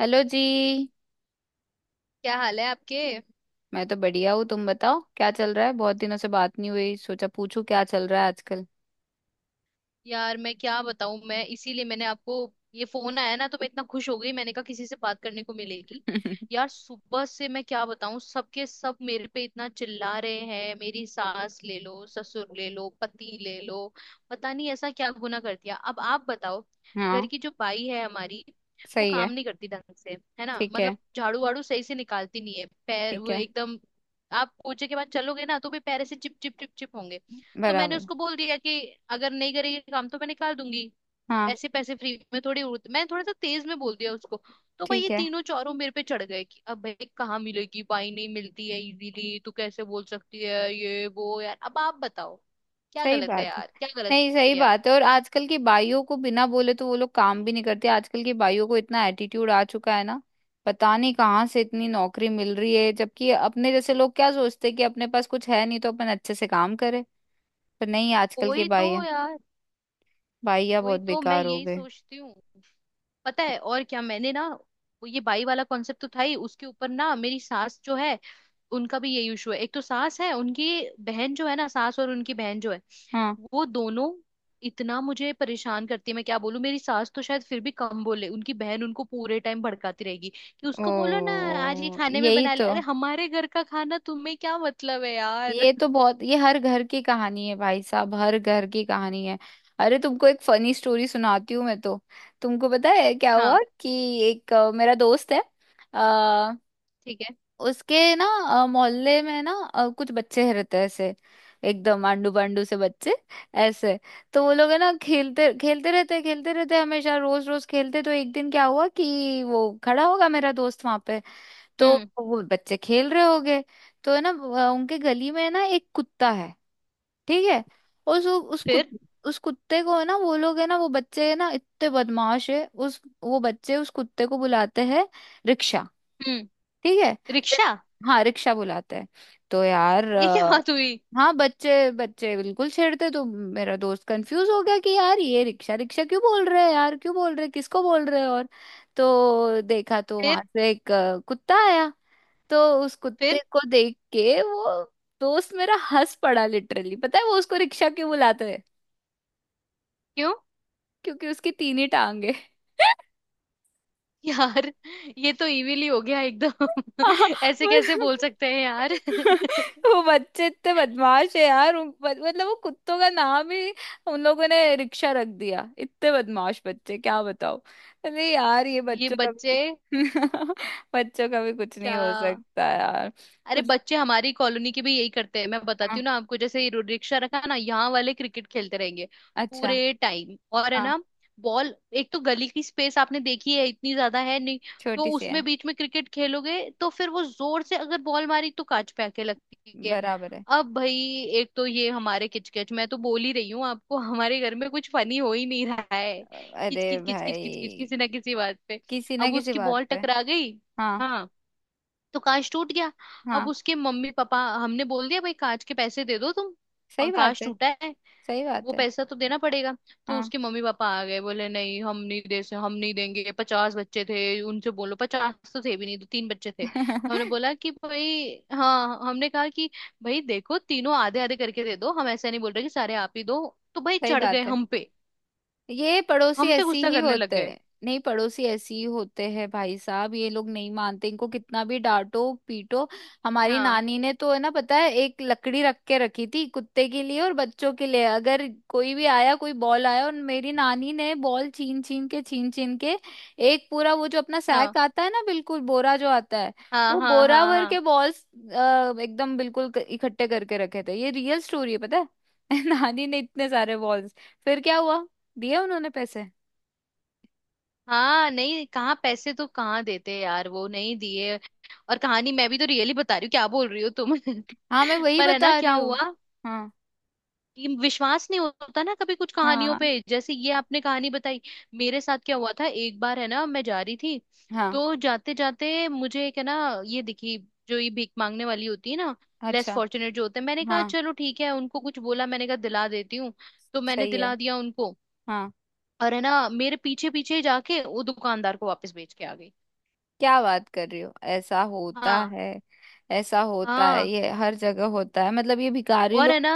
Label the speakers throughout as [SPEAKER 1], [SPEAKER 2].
[SPEAKER 1] Hello जी।
[SPEAKER 2] क्या हाल है आपके।
[SPEAKER 1] मैं तो बढ़िया हूँ। तुम बताओ, क्या चल रहा है? बहुत दिनों से बात नहीं हुई, सोचा पूछूं क्या चल रहा है आजकल।
[SPEAKER 2] यार मैं क्या बताऊं, मैं इसीलिए, मैंने आपको, ये फोन आया ना तो मैं इतना खुश हो गई, मैंने कहा किसी से बात करने को मिलेगी। यार सुबह से मैं क्या बताऊं, सबके सब मेरे पे इतना चिल्ला रहे हैं। मेरी सास ले लो, ससुर ले लो, पति ले लो। पता नहीं ऐसा क्या गुनाह कर दिया। अब आप बताओ, घर
[SPEAKER 1] हाँ।
[SPEAKER 2] की जो बाई है हमारी, वो
[SPEAKER 1] सही है।
[SPEAKER 2] काम नहीं करती ढंग से, है ना।
[SPEAKER 1] ठीक है।
[SPEAKER 2] मतलब झाड़ू वाड़ू सही से निकालती नहीं है, पैर
[SPEAKER 1] ठीक
[SPEAKER 2] वो
[SPEAKER 1] है।
[SPEAKER 2] एकदम, आप पोछे के बाद चलोगे ना तो भी पैर ऐसे चिप चिप चिप चिप होंगे। तो मैंने
[SPEAKER 1] बराबर।
[SPEAKER 2] उसको बोल दिया कि अगर नहीं करेगी काम तो मैं निकाल दूंगी।
[SPEAKER 1] हाँ।
[SPEAKER 2] ऐसे पैसे फ्री में थोड़ी उड़ते। मैंने थोड़ा सा तेज में बोल दिया उसको। तो भाई
[SPEAKER 1] ठीक
[SPEAKER 2] ये
[SPEAKER 1] है।
[SPEAKER 2] तीनों चारों मेरे पे चढ़ गए कि अब भाई कहाँ मिलेगी, भाई नहीं मिलती है इजीली, तू कैसे बोल सकती है ये वो। यार अब आप बताओ क्या
[SPEAKER 1] सही
[SPEAKER 2] गलत है,
[SPEAKER 1] बात है।
[SPEAKER 2] यार क्या गलत
[SPEAKER 1] नहीं, सही
[SPEAKER 2] किया।
[SPEAKER 1] बात है। और आजकल की बाइयों को बिना बोले तो वो लोग काम भी नहीं करते। आजकल की बाइयों को इतना एटीट्यूड आ चुका है ना। पता नहीं कहाँ से इतनी नौकरी मिल रही है, जबकि अपने जैसे लोग क्या सोचते हैं कि अपने पास कुछ है नहीं तो अपन अच्छे से काम करें। पर नहीं, आजकल के
[SPEAKER 2] वही तो
[SPEAKER 1] बाइया,
[SPEAKER 2] यार,
[SPEAKER 1] बाइया
[SPEAKER 2] वही
[SPEAKER 1] बहुत
[SPEAKER 2] तो मैं
[SPEAKER 1] बेकार हो
[SPEAKER 2] यही
[SPEAKER 1] गए।
[SPEAKER 2] सोचती हूँ। पता है और क्या, मैंने ना वो ये बाई वाला कॉन्सेप्ट तो था ही, उसके ऊपर ना मेरी सास जो है, उनका भी ये इशू है। एक तो सास है, उनकी बहन जो है ना, सास और उनकी बहन जो है,
[SPEAKER 1] हाँ।
[SPEAKER 2] वो दोनों इतना मुझे परेशान करती है। मैं क्या बोलूं, मेरी सास तो शायद फिर भी कम बोले, उनकी बहन उनको पूरे टाइम भड़काती रहेगी कि उसको बोलो ना आज ये
[SPEAKER 1] ओ,
[SPEAKER 2] खाने में
[SPEAKER 1] यही
[SPEAKER 2] बना ले।
[SPEAKER 1] तो।
[SPEAKER 2] अरे हमारे घर का खाना, तुम्हें क्या मतलब है यार।
[SPEAKER 1] ये तो बहुत, ये हर घर की कहानी है भाई साहब, हर घर की कहानी है। अरे तुमको एक फनी स्टोरी सुनाती हूँ मैं तो। तुमको पता है क्या हुआ
[SPEAKER 2] हाँ।
[SPEAKER 1] कि एक मेरा दोस्त है। आ,
[SPEAKER 2] ठीक है।
[SPEAKER 1] उसके ना मोहल्ले में ना कुछ बच्चे रहते हैं ऐसे। एकदम आंडू पांडू से बच्चे ऐसे। तो वो लोग है ना, खेलते खेलते रहते, खेलते रहते हमेशा, रोज रोज खेलते। तो एक दिन क्या हुआ कि वो खड़ा होगा मेरा दोस्त वहां पे। तो
[SPEAKER 2] हम्म।
[SPEAKER 1] वो बच्चे खेल रहे हो गए। तो है ना उनके गली में है ना एक कुत्ता है। ठीक है। उस उस कुत,
[SPEAKER 2] फिर।
[SPEAKER 1] उस कुत्ते को है ना, वो लोग है ना, वो बच्चे है ना, इतने बदमाश है। उस वो बच्चे उस कुत्ते को बुलाते हैं रिक्शा।
[SPEAKER 2] हम्म।
[SPEAKER 1] ठीक है।
[SPEAKER 2] रिक्शा।
[SPEAKER 1] हाँ, रिक्शा बुलाते हैं। तो यार,
[SPEAKER 2] ये क्या बात हुई।
[SPEAKER 1] हाँ, बच्चे बच्चे बिल्कुल छेड़ते। तो मेरा दोस्त कंफ्यूज हो गया कि यार ये रिक्शा रिक्शा क्यों बोल रहे हैं, यार क्यों बोल रहे हैं, किसको बोल रहे हैं? और तो देखा तो वहां
[SPEAKER 2] फिर।
[SPEAKER 1] से एक कुत्ता आया। तो उस कुत्ते
[SPEAKER 2] फिर।
[SPEAKER 1] को देख के वो दोस्त मेरा हंस पड़ा लिटरली। पता है वो उसको रिक्शा क्यों बुलाता है?
[SPEAKER 2] क्यों।
[SPEAKER 1] क्योंकि उसकी 3 ही टांग है।
[SPEAKER 2] यार ये तो इविल ही हो गया एकदम।
[SPEAKER 1] हाँ।
[SPEAKER 2] ऐसे कैसे
[SPEAKER 1] पर-
[SPEAKER 2] बोल सकते हैं यार।
[SPEAKER 1] वो बच्चे इतने बदमाश है यार। मतलब वो कुत्तों का नाम ही उन लोगों ने रिक्शा रख दिया। इतने बदमाश बच्चे क्या बताओ। अरे यार, ये
[SPEAKER 2] ये
[SPEAKER 1] बच्चों का
[SPEAKER 2] बच्चे।
[SPEAKER 1] भी बच्चों का भी कुछ नहीं
[SPEAKER 2] क्या।
[SPEAKER 1] हो सकता यार।
[SPEAKER 2] अरे
[SPEAKER 1] कुछ।
[SPEAKER 2] बच्चे हमारी कॉलोनी के भी यही करते हैं, मैं
[SPEAKER 1] हाँ।
[SPEAKER 2] बताती हूँ ना आपको। जैसे ये रिक्शा रखा है ना, यहाँ वाले क्रिकेट खेलते रहेंगे
[SPEAKER 1] अच्छा।
[SPEAKER 2] पूरे टाइम। और है
[SPEAKER 1] हाँ।
[SPEAKER 2] ना, बॉल, एक तो गली की स्पेस आपने देखी है, इतनी ज्यादा है नहीं। तो
[SPEAKER 1] छोटी सी
[SPEAKER 2] उसमें
[SPEAKER 1] है।
[SPEAKER 2] बीच में क्रिकेट खेलोगे तो फिर वो जोर से अगर बॉल मारी तो कांच पे आके लगती है।
[SPEAKER 1] बराबर है।
[SPEAKER 2] अब भाई, एक तो ये हमारे किचकिच, मैं तो बोल ही रही हूँ आपको हमारे घर में कुछ फनी हो ही नहीं रहा है।
[SPEAKER 1] अरे
[SPEAKER 2] किचकिच किचकिच किचकिच
[SPEAKER 1] भाई,
[SPEAKER 2] किसी ना किसी बात पे।
[SPEAKER 1] किसी ना
[SPEAKER 2] अब
[SPEAKER 1] किसी
[SPEAKER 2] उसकी
[SPEAKER 1] बात
[SPEAKER 2] बॉल
[SPEAKER 1] पे।
[SPEAKER 2] टकरा गई।
[SPEAKER 1] हाँ।
[SPEAKER 2] हाँ। तो कांच टूट गया। अब
[SPEAKER 1] हाँ।
[SPEAKER 2] उसके मम्मी पापा, हमने बोल दिया भाई कांच के पैसे दे दो तुम।
[SPEAKER 1] सही बात
[SPEAKER 2] कांच
[SPEAKER 1] है।
[SPEAKER 2] टूटा है,
[SPEAKER 1] सही बात
[SPEAKER 2] वो
[SPEAKER 1] है।
[SPEAKER 2] पैसा तो देना पड़ेगा। तो
[SPEAKER 1] हाँ।
[SPEAKER 2] उसके मम्मी पापा आ गए, बोले नहीं हम नहीं दे से, हम नहीं देंगे, पचास बच्चे थे, उनसे बोलो। पचास तो थे भी नहीं, तो तीन बच्चे थे। तो हमने बोला कि भाई, हाँ हमने कहा कि भाई देखो तीनों आधे आधे करके दे दो, हम ऐसा नहीं बोल रहे कि सारे आप ही दो। तो भाई
[SPEAKER 1] सही
[SPEAKER 2] चढ़ गए
[SPEAKER 1] बात है।
[SPEAKER 2] हम पे,
[SPEAKER 1] ये पड़ोसी
[SPEAKER 2] हम पे
[SPEAKER 1] ऐसी
[SPEAKER 2] गुस्सा
[SPEAKER 1] ही
[SPEAKER 2] करने लग
[SPEAKER 1] होते
[SPEAKER 2] गए।
[SPEAKER 1] हैं। नहीं, पड़ोसी ऐसी ही होते हैं भाई साहब। ये लोग नहीं मानते, इनको कितना भी डांटो पीटो। हमारी
[SPEAKER 2] हाँ,
[SPEAKER 1] नानी ने तो है ना, पता है, एक लकड़ी रख के रखी थी कुत्ते के लिए और बच्चों के लिए। अगर कोई भी आया, कोई बॉल आया, और मेरी नानी ने बॉल छीन छीन के एक पूरा वो जो अपना
[SPEAKER 2] हाँ,
[SPEAKER 1] सैक आता है ना, बिल्कुल बोरा जो आता है,
[SPEAKER 2] हाँ,
[SPEAKER 1] वो
[SPEAKER 2] हाँ,
[SPEAKER 1] बोरा
[SPEAKER 2] हाँ,
[SPEAKER 1] भर के
[SPEAKER 2] हाँ,
[SPEAKER 1] बॉल्स एकदम बिल्कुल इकट्ठे करके रखे थे। ये रियल स्टोरी है पता है। नानी ने इतने सारे बॉल्स। फिर क्या हुआ, दिया उन्होंने पैसे?
[SPEAKER 2] हाँ। नहीं कहाँ, पैसे तो कहाँ देते यार, वो नहीं दिए। और कहानी मैं भी तो रियली बता रही हूँ, क्या बोल रही हो तुम।
[SPEAKER 1] हाँ, मैं वही
[SPEAKER 2] पर है ना,
[SPEAKER 1] बता रही
[SPEAKER 2] क्या
[SPEAKER 1] हूँ।
[SPEAKER 2] हुआ
[SPEAKER 1] हाँ।
[SPEAKER 2] कि विश्वास नहीं होता ना कभी कुछ कहानियों पे,
[SPEAKER 1] हाँ।
[SPEAKER 2] जैसे ये आपने कहानी बताई, मेरे साथ क्या हुआ था एक बार, है ना। मैं जा रही थी,
[SPEAKER 1] हाँ।
[SPEAKER 2] तो जाते जाते मुझे एक, है ना, ये दिखी, जो ये भीख मांगने वाली होती है ना, लेस
[SPEAKER 1] अच्छा।
[SPEAKER 2] फॉर्चुनेट जो होते हैं। मैंने कहा
[SPEAKER 1] हाँ।
[SPEAKER 2] चलो ठीक है, उनको कुछ बोला, मैंने कहा दिला देती हूँ। तो मैंने
[SPEAKER 1] सही है।
[SPEAKER 2] दिला दिया उनको,
[SPEAKER 1] हाँ।
[SPEAKER 2] और है ना, मेरे पीछे पीछे जाके वो दुकानदार को वापस बेच के आ गई।
[SPEAKER 1] क्या बात कर रही हो, ऐसा होता
[SPEAKER 2] हाँ।
[SPEAKER 1] है? ऐसा होता है,
[SPEAKER 2] हाँ।
[SPEAKER 1] ये हर जगह होता है। मतलब ये भिखारी
[SPEAKER 2] और है
[SPEAKER 1] लोग
[SPEAKER 2] ना,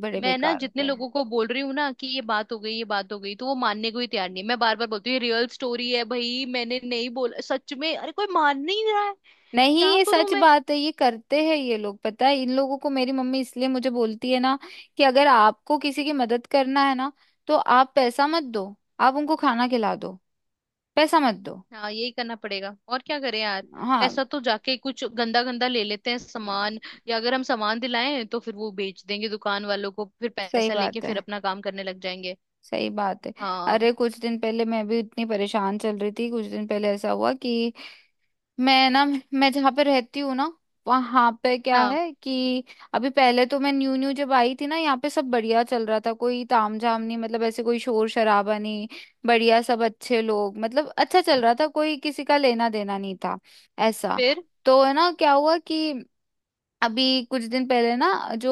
[SPEAKER 1] बड़े
[SPEAKER 2] मैं ना
[SPEAKER 1] बेकार
[SPEAKER 2] जितने
[SPEAKER 1] होते हैं।
[SPEAKER 2] लोगों को बोल रही हूँ ना कि ये बात हो गई ये बात हो गई, तो वो मानने को ही तैयार नहीं है। मैं बार बार बोलती हूँ ये रियल स्टोरी है भाई, मैंने नहीं बोला सच में, अरे कोई मान नहीं रहा है।
[SPEAKER 1] नहीं,
[SPEAKER 2] क्या
[SPEAKER 1] ये
[SPEAKER 2] करूं
[SPEAKER 1] सच
[SPEAKER 2] मैं।
[SPEAKER 1] बात है। ये करते हैं ये लोग। पता है, इन लोगों को मेरी मम्मी इसलिए मुझे बोलती है ना कि अगर आपको किसी की मदद करना है ना तो आप पैसा मत दो, आप उनको खाना खिला दो। पैसा मत दो।
[SPEAKER 2] हाँ यही करना पड़ेगा, और क्या करें यार।
[SPEAKER 1] हाँ।
[SPEAKER 2] पैसा तो जाके कुछ गंदा गंदा ले लेते हैं सामान, या अगर हम सामान दिलाएं तो फिर वो बेच देंगे दुकान वालों को, फिर
[SPEAKER 1] सही
[SPEAKER 2] पैसा लेके
[SPEAKER 1] बात है।
[SPEAKER 2] फिर अपना काम करने लग जाएंगे।
[SPEAKER 1] सही बात है।
[SPEAKER 2] हाँ।
[SPEAKER 1] अरे कुछ दिन पहले मैं भी इतनी परेशान चल रही थी। कुछ दिन पहले ऐसा हुआ कि मैं ना, मैं जहाँ पे रहती हूँ ना, वहां पे क्या
[SPEAKER 2] हाँ।
[SPEAKER 1] है कि अभी पहले तो मैं न्यू न्यू जब आई थी ना यहाँ पे, सब बढ़िया चल रहा था। कोई तामझाम नहीं, मतलब ऐसे कोई शोर शराबा नहीं, बढ़िया सब अच्छे लोग। मतलब अच्छा चल रहा था, कोई किसी का लेना देना नहीं था ऐसा।
[SPEAKER 2] फिर।
[SPEAKER 1] तो है ना, क्या हुआ कि अभी कुछ दिन पहले ना, जो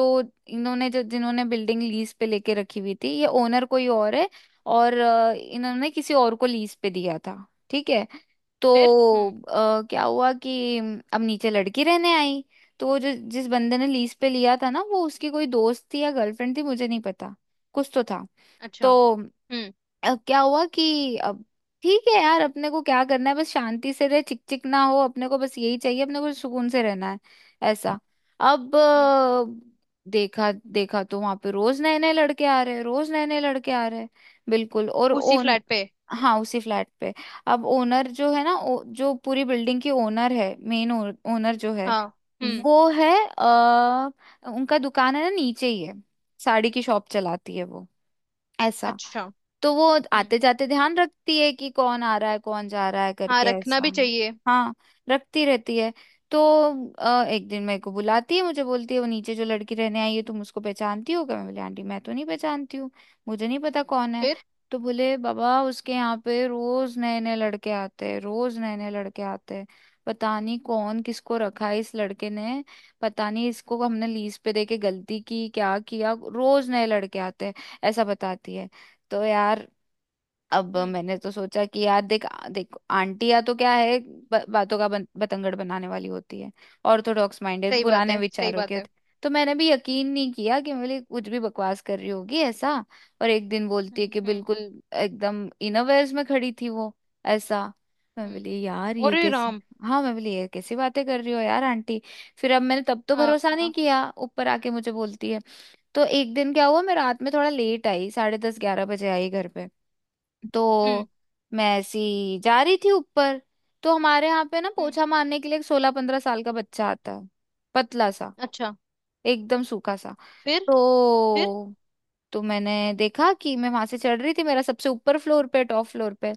[SPEAKER 1] इन्होंने, जो जिन्होंने बिल्डिंग लीज पे लेके रखी हुई थी, ये ओनर कोई और है और इन्होंने किसी और को लीज पे दिया था। ठीक है। तो
[SPEAKER 2] फिर। हम्म।
[SPEAKER 1] क्या हुआ कि अब नीचे लड़की रहने आई। तो वो जो जिस बंदे ने लीज पे लिया था ना, वो उसकी कोई दोस्त थी या गर्लफ्रेंड थी, मुझे नहीं पता, कुछ तो था।
[SPEAKER 2] अच्छा।
[SPEAKER 1] तो
[SPEAKER 2] हम्म।
[SPEAKER 1] अब क्या हुआ कि अब, ठीक है यार, अपने को क्या करना है, बस शांति से रहे, चिक चिक ना हो, अपने को बस यही चाहिए, अपने को सुकून से रहना है ऐसा। अब
[SPEAKER 2] हम्म।
[SPEAKER 1] देखा, देखा तो वहां पे रोज नए नए लड़के आ रहे हैं, रोज नए नए लड़के आ रहे हैं बिल्कुल। और
[SPEAKER 2] उसी
[SPEAKER 1] ओन
[SPEAKER 2] फ्लैट पे।
[SPEAKER 1] हाँ, उसी फ्लैट पे। अब ओनर जो है ना, जो पूरी बिल्डिंग की ओनर है, मेन ओनर जो है
[SPEAKER 2] हाँ। हम्म।
[SPEAKER 1] वो है आ, उनका दुकान है ना नीचे ही है, साड़ी की शॉप चलाती है वो, ऐसा।
[SPEAKER 2] अच्छा।
[SPEAKER 1] तो वो
[SPEAKER 2] हम्म।
[SPEAKER 1] आते जाते ध्यान रखती है कि कौन आ रहा है कौन जा रहा है
[SPEAKER 2] हाँ
[SPEAKER 1] करके,
[SPEAKER 2] रखना
[SPEAKER 1] ऐसा।
[SPEAKER 2] भी चाहिए।
[SPEAKER 1] हाँ। रखती रहती है। तो एक दिन मेरे को बुलाती है, मुझे बोलती है वो नीचे जो लड़की रहने आई है तुम उसको पहचानती हो क्या? मैं बोली, आंटी मैं तो नहीं पहचानती हूँ, मुझे नहीं पता कौन है।
[SPEAKER 2] फिर।
[SPEAKER 1] तो बोले, बाबा उसके यहाँ पे रोज नए नए लड़के आते हैं, रोज नए नए लड़के आते हैं। पता नहीं कौन किसको रखा है इस लड़के ने, पता नहीं, इसको हमने लीज पे देके गलती की, क्या किया, रोज नए लड़के आते हैं, ऐसा बताती है। तो यार, अब
[SPEAKER 2] हम्म।
[SPEAKER 1] मैंने तो सोचा कि यार देख, देख आंटियां तो क्या है, बातों का बतंगड़ बनाने वाली होती है। ऑर्थोडॉक्स माइंडेड
[SPEAKER 2] सही बात
[SPEAKER 1] पुराने
[SPEAKER 2] है, सही
[SPEAKER 1] विचारों के
[SPEAKER 2] बात है।
[SPEAKER 1] होते- तो मैंने भी यकीन नहीं किया कि मेरे कुछ भी बकवास कर रही होगी ऐसा। और एक दिन बोलती है
[SPEAKER 2] हम्म।
[SPEAKER 1] कि
[SPEAKER 2] हम्म।
[SPEAKER 1] बिल्कुल एकदम इनोवेयर्स में खड़ी थी वो ऐसा। मैं
[SPEAKER 2] हम्म।
[SPEAKER 1] बोली, यार ये
[SPEAKER 2] अरे
[SPEAKER 1] कैसे,
[SPEAKER 2] राम।
[SPEAKER 1] हाँ मैं बोली, ये कैसी बातें कर रही हो यार आंटी। फिर अब मैंने तब तो
[SPEAKER 2] हाँ।
[SPEAKER 1] भरोसा नहीं
[SPEAKER 2] हाँ।
[SPEAKER 1] किया। ऊपर आके मुझे बोलती है। तो एक दिन क्या हुआ, मैं रात में थोड़ा लेट आई, 10:30 11 बजे आई घर पे।
[SPEAKER 2] हम्म।
[SPEAKER 1] तो मैं ऐसी जा रही थी ऊपर। तो हमारे यहाँ पे ना
[SPEAKER 2] हम्म।
[SPEAKER 1] पोछा मारने के लिए एक 16 15 साल का बच्चा आता है, पतला सा,
[SPEAKER 2] अच्छा।
[SPEAKER 1] एकदम सूखा सा।
[SPEAKER 2] फिर।
[SPEAKER 1] तो
[SPEAKER 2] फिर।
[SPEAKER 1] तो मैंने देखा कि मैं वहां से चढ़ रही थी, मेरा सबसे ऊपर फ्लोर पे, टॉप फ्लोर पे,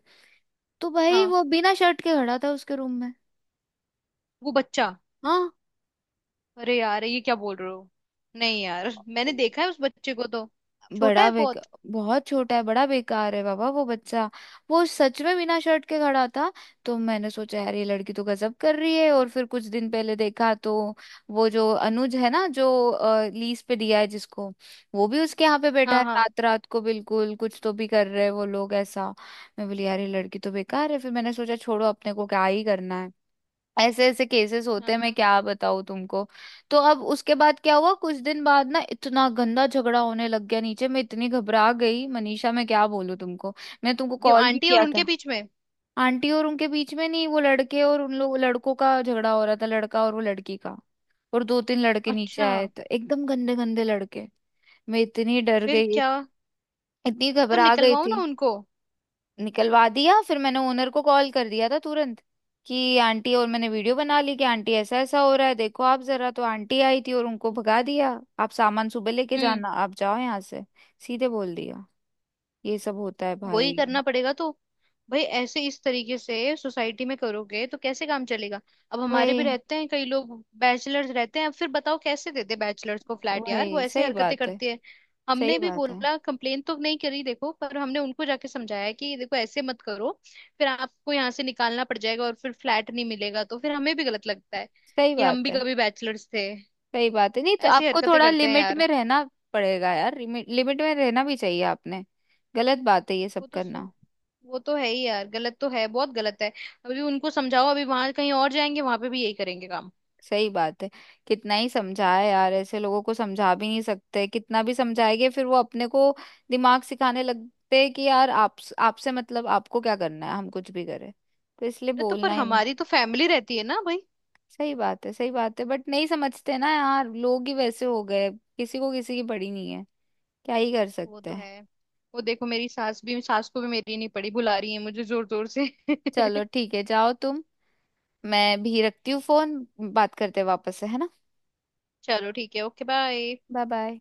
[SPEAKER 1] तो भाई
[SPEAKER 2] हाँ।
[SPEAKER 1] वो बिना शर्ट के खड़ा था उसके रूम में।
[SPEAKER 2] वो बच्चा। अरे यार ये क्या बोल रहे हो, नहीं यार मैंने
[SPEAKER 1] हाँ,
[SPEAKER 2] देखा है उस बच्चे को तो, छोटा
[SPEAKER 1] बड़ा
[SPEAKER 2] है
[SPEAKER 1] बेकार,
[SPEAKER 2] बहुत।
[SPEAKER 1] बहुत छोटा है, बड़ा बेकार है बाबा वो बच्चा। वो सच में बिना शर्ट के खड़ा था। तो मैंने सोचा, यार ये लड़की तो गजब कर रही है। और फिर कुछ दिन पहले देखा तो वो जो अनुज है ना जो लीज पे दिया है जिसको, वो भी उसके यहाँ पे बैठा
[SPEAKER 2] हाँ।
[SPEAKER 1] है
[SPEAKER 2] हाँ।
[SPEAKER 1] रात रात को, बिल्कुल कुछ तो भी कर रहे हैं वो लोग ऐसा। मैं बोली, यार ये लड़की तो बेकार है। फिर मैंने सोचा, छोड़ो, अपने को क्या ही करना है। ऐसे ऐसे केसेस होते
[SPEAKER 2] हाँ
[SPEAKER 1] हैं, मैं
[SPEAKER 2] ना।
[SPEAKER 1] क्या बताऊं तुमको। तो अब उसके बाद क्या हुआ, कुछ दिन बाद ना इतना गंदा झगड़ा होने लग गया नीचे, मैं इतनी घबरा गई मनीषा, मैं क्या बोलूं तुमको, मैं तुमको
[SPEAKER 2] क्यों
[SPEAKER 1] कॉल भी
[SPEAKER 2] आंटी और
[SPEAKER 1] किया
[SPEAKER 2] उनके
[SPEAKER 1] था।
[SPEAKER 2] बीच में।
[SPEAKER 1] आंटी और उनके बीच में नहीं, वो लड़के और उन लोग लड़कों का झगड़ा हो रहा था, लड़का और वो लड़की का। और 2 3 लड़के नीचे
[SPEAKER 2] अच्छा।
[SPEAKER 1] आए तो एकदम गंदे गंदे लड़के। मैं इतनी डर
[SPEAKER 2] फिर
[SPEAKER 1] गई,
[SPEAKER 2] क्या।
[SPEAKER 1] इतनी
[SPEAKER 2] तो
[SPEAKER 1] घबरा गई
[SPEAKER 2] निकलवाओ
[SPEAKER 1] थी।
[SPEAKER 2] ना उनको।
[SPEAKER 1] निकलवा दिया, फिर मैंने ओनर को कॉल कर दिया था तुरंत कि आंटी, और मैंने वीडियो बना ली कि आंटी ऐसा ऐसा हो रहा है, देखो आप जरा। तो आंटी आई थी और उनको भगा दिया। आप सामान सुबह लेके जाना, आप जाओ यहाँ से, सीधे बोल दिया। ये सब होता है
[SPEAKER 2] वही
[SPEAKER 1] भाई।
[SPEAKER 2] करना पड़ेगा तो। भाई ऐसे इस तरीके से सोसाइटी में करोगे तो कैसे काम चलेगा। अब हमारे भी
[SPEAKER 1] वही।
[SPEAKER 2] रहते हैं कई लोग, बैचलर्स रहते हैं। अब फिर बताओ कैसे देते बैचलर्स को फ्लैट, यार वो
[SPEAKER 1] वही।
[SPEAKER 2] ऐसे
[SPEAKER 1] सही
[SPEAKER 2] हरकतें
[SPEAKER 1] बात है।
[SPEAKER 2] करती है।
[SPEAKER 1] सही
[SPEAKER 2] हमने भी
[SPEAKER 1] बात है।
[SPEAKER 2] बोला, कंप्लेन तो नहीं करी देखो, पर हमने उनको जाके समझाया कि देखो ऐसे मत करो, फिर आपको यहाँ से निकालना पड़ जाएगा और फिर फ्लैट नहीं मिलेगा, तो फिर हमें भी गलत लगता है
[SPEAKER 1] सही
[SPEAKER 2] कि हम
[SPEAKER 1] बात
[SPEAKER 2] भी
[SPEAKER 1] है।
[SPEAKER 2] कभी बैचलर्स थे।
[SPEAKER 1] सही बात है, नहीं तो
[SPEAKER 2] ऐसे
[SPEAKER 1] आपको
[SPEAKER 2] हरकतें
[SPEAKER 1] थोड़ा
[SPEAKER 2] करते हैं
[SPEAKER 1] लिमिट
[SPEAKER 2] यार।
[SPEAKER 1] में रहना पड़ेगा यार। लिमिट लिमिट में रहना भी चाहिए आपने। गलत बात है ये सब
[SPEAKER 2] वो तो,
[SPEAKER 1] करना।
[SPEAKER 2] वो तो है ही यार, गलत तो है, बहुत गलत है। अभी उनको समझाओ, अभी वहां कहीं और जाएंगे, वहां पे भी यही करेंगे काम।
[SPEAKER 1] सही बात है। कितना ही समझाए यार, ऐसे लोगों को समझा भी नहीं सकते, कितना भी समझाएंगे फिर वो अपने को दिमाग सिखाने लगते हैं कि यार आप, आपसे मतलब आपको क्या करना है, हम कुछ भी करें। तो इसलिए
[SPEAKER 2] अरे तो
[SPEAKER 1] बोलना
[SPEAKER 2] पर
[SPEAKER 1] ही भी।
[SPEAKER 2] हमारी तो फैमिली रहती है ना भाई।
[SPEAKER 1] सही बात है। सही बात है, बट नहीं समझते ना यार, लोग ही वैसे हो गए, किसी को किसी की पड़ी नहीं है, क्या ही कर
[SPEAKER 2] वो
[SPEAKER 1] सकते
[SPEAKER 2] तो
[SPEAKER 1] हैं।
[SPEAKER 2] है। वो देखो मेरी सास भी, सास को भी मेरी नहीं पड़ी, बुला रही है मुझे जोर जोर से।
[SPEAKER 1] चलो ठीक है, जाओ तुम, मैं भी रखती हूँ फोन। बात करते हैं वापस से, है ना?
[SPEAKER 2] चलो ठीक है, ओके बाय।
[SPEAKER 1] Bye bye.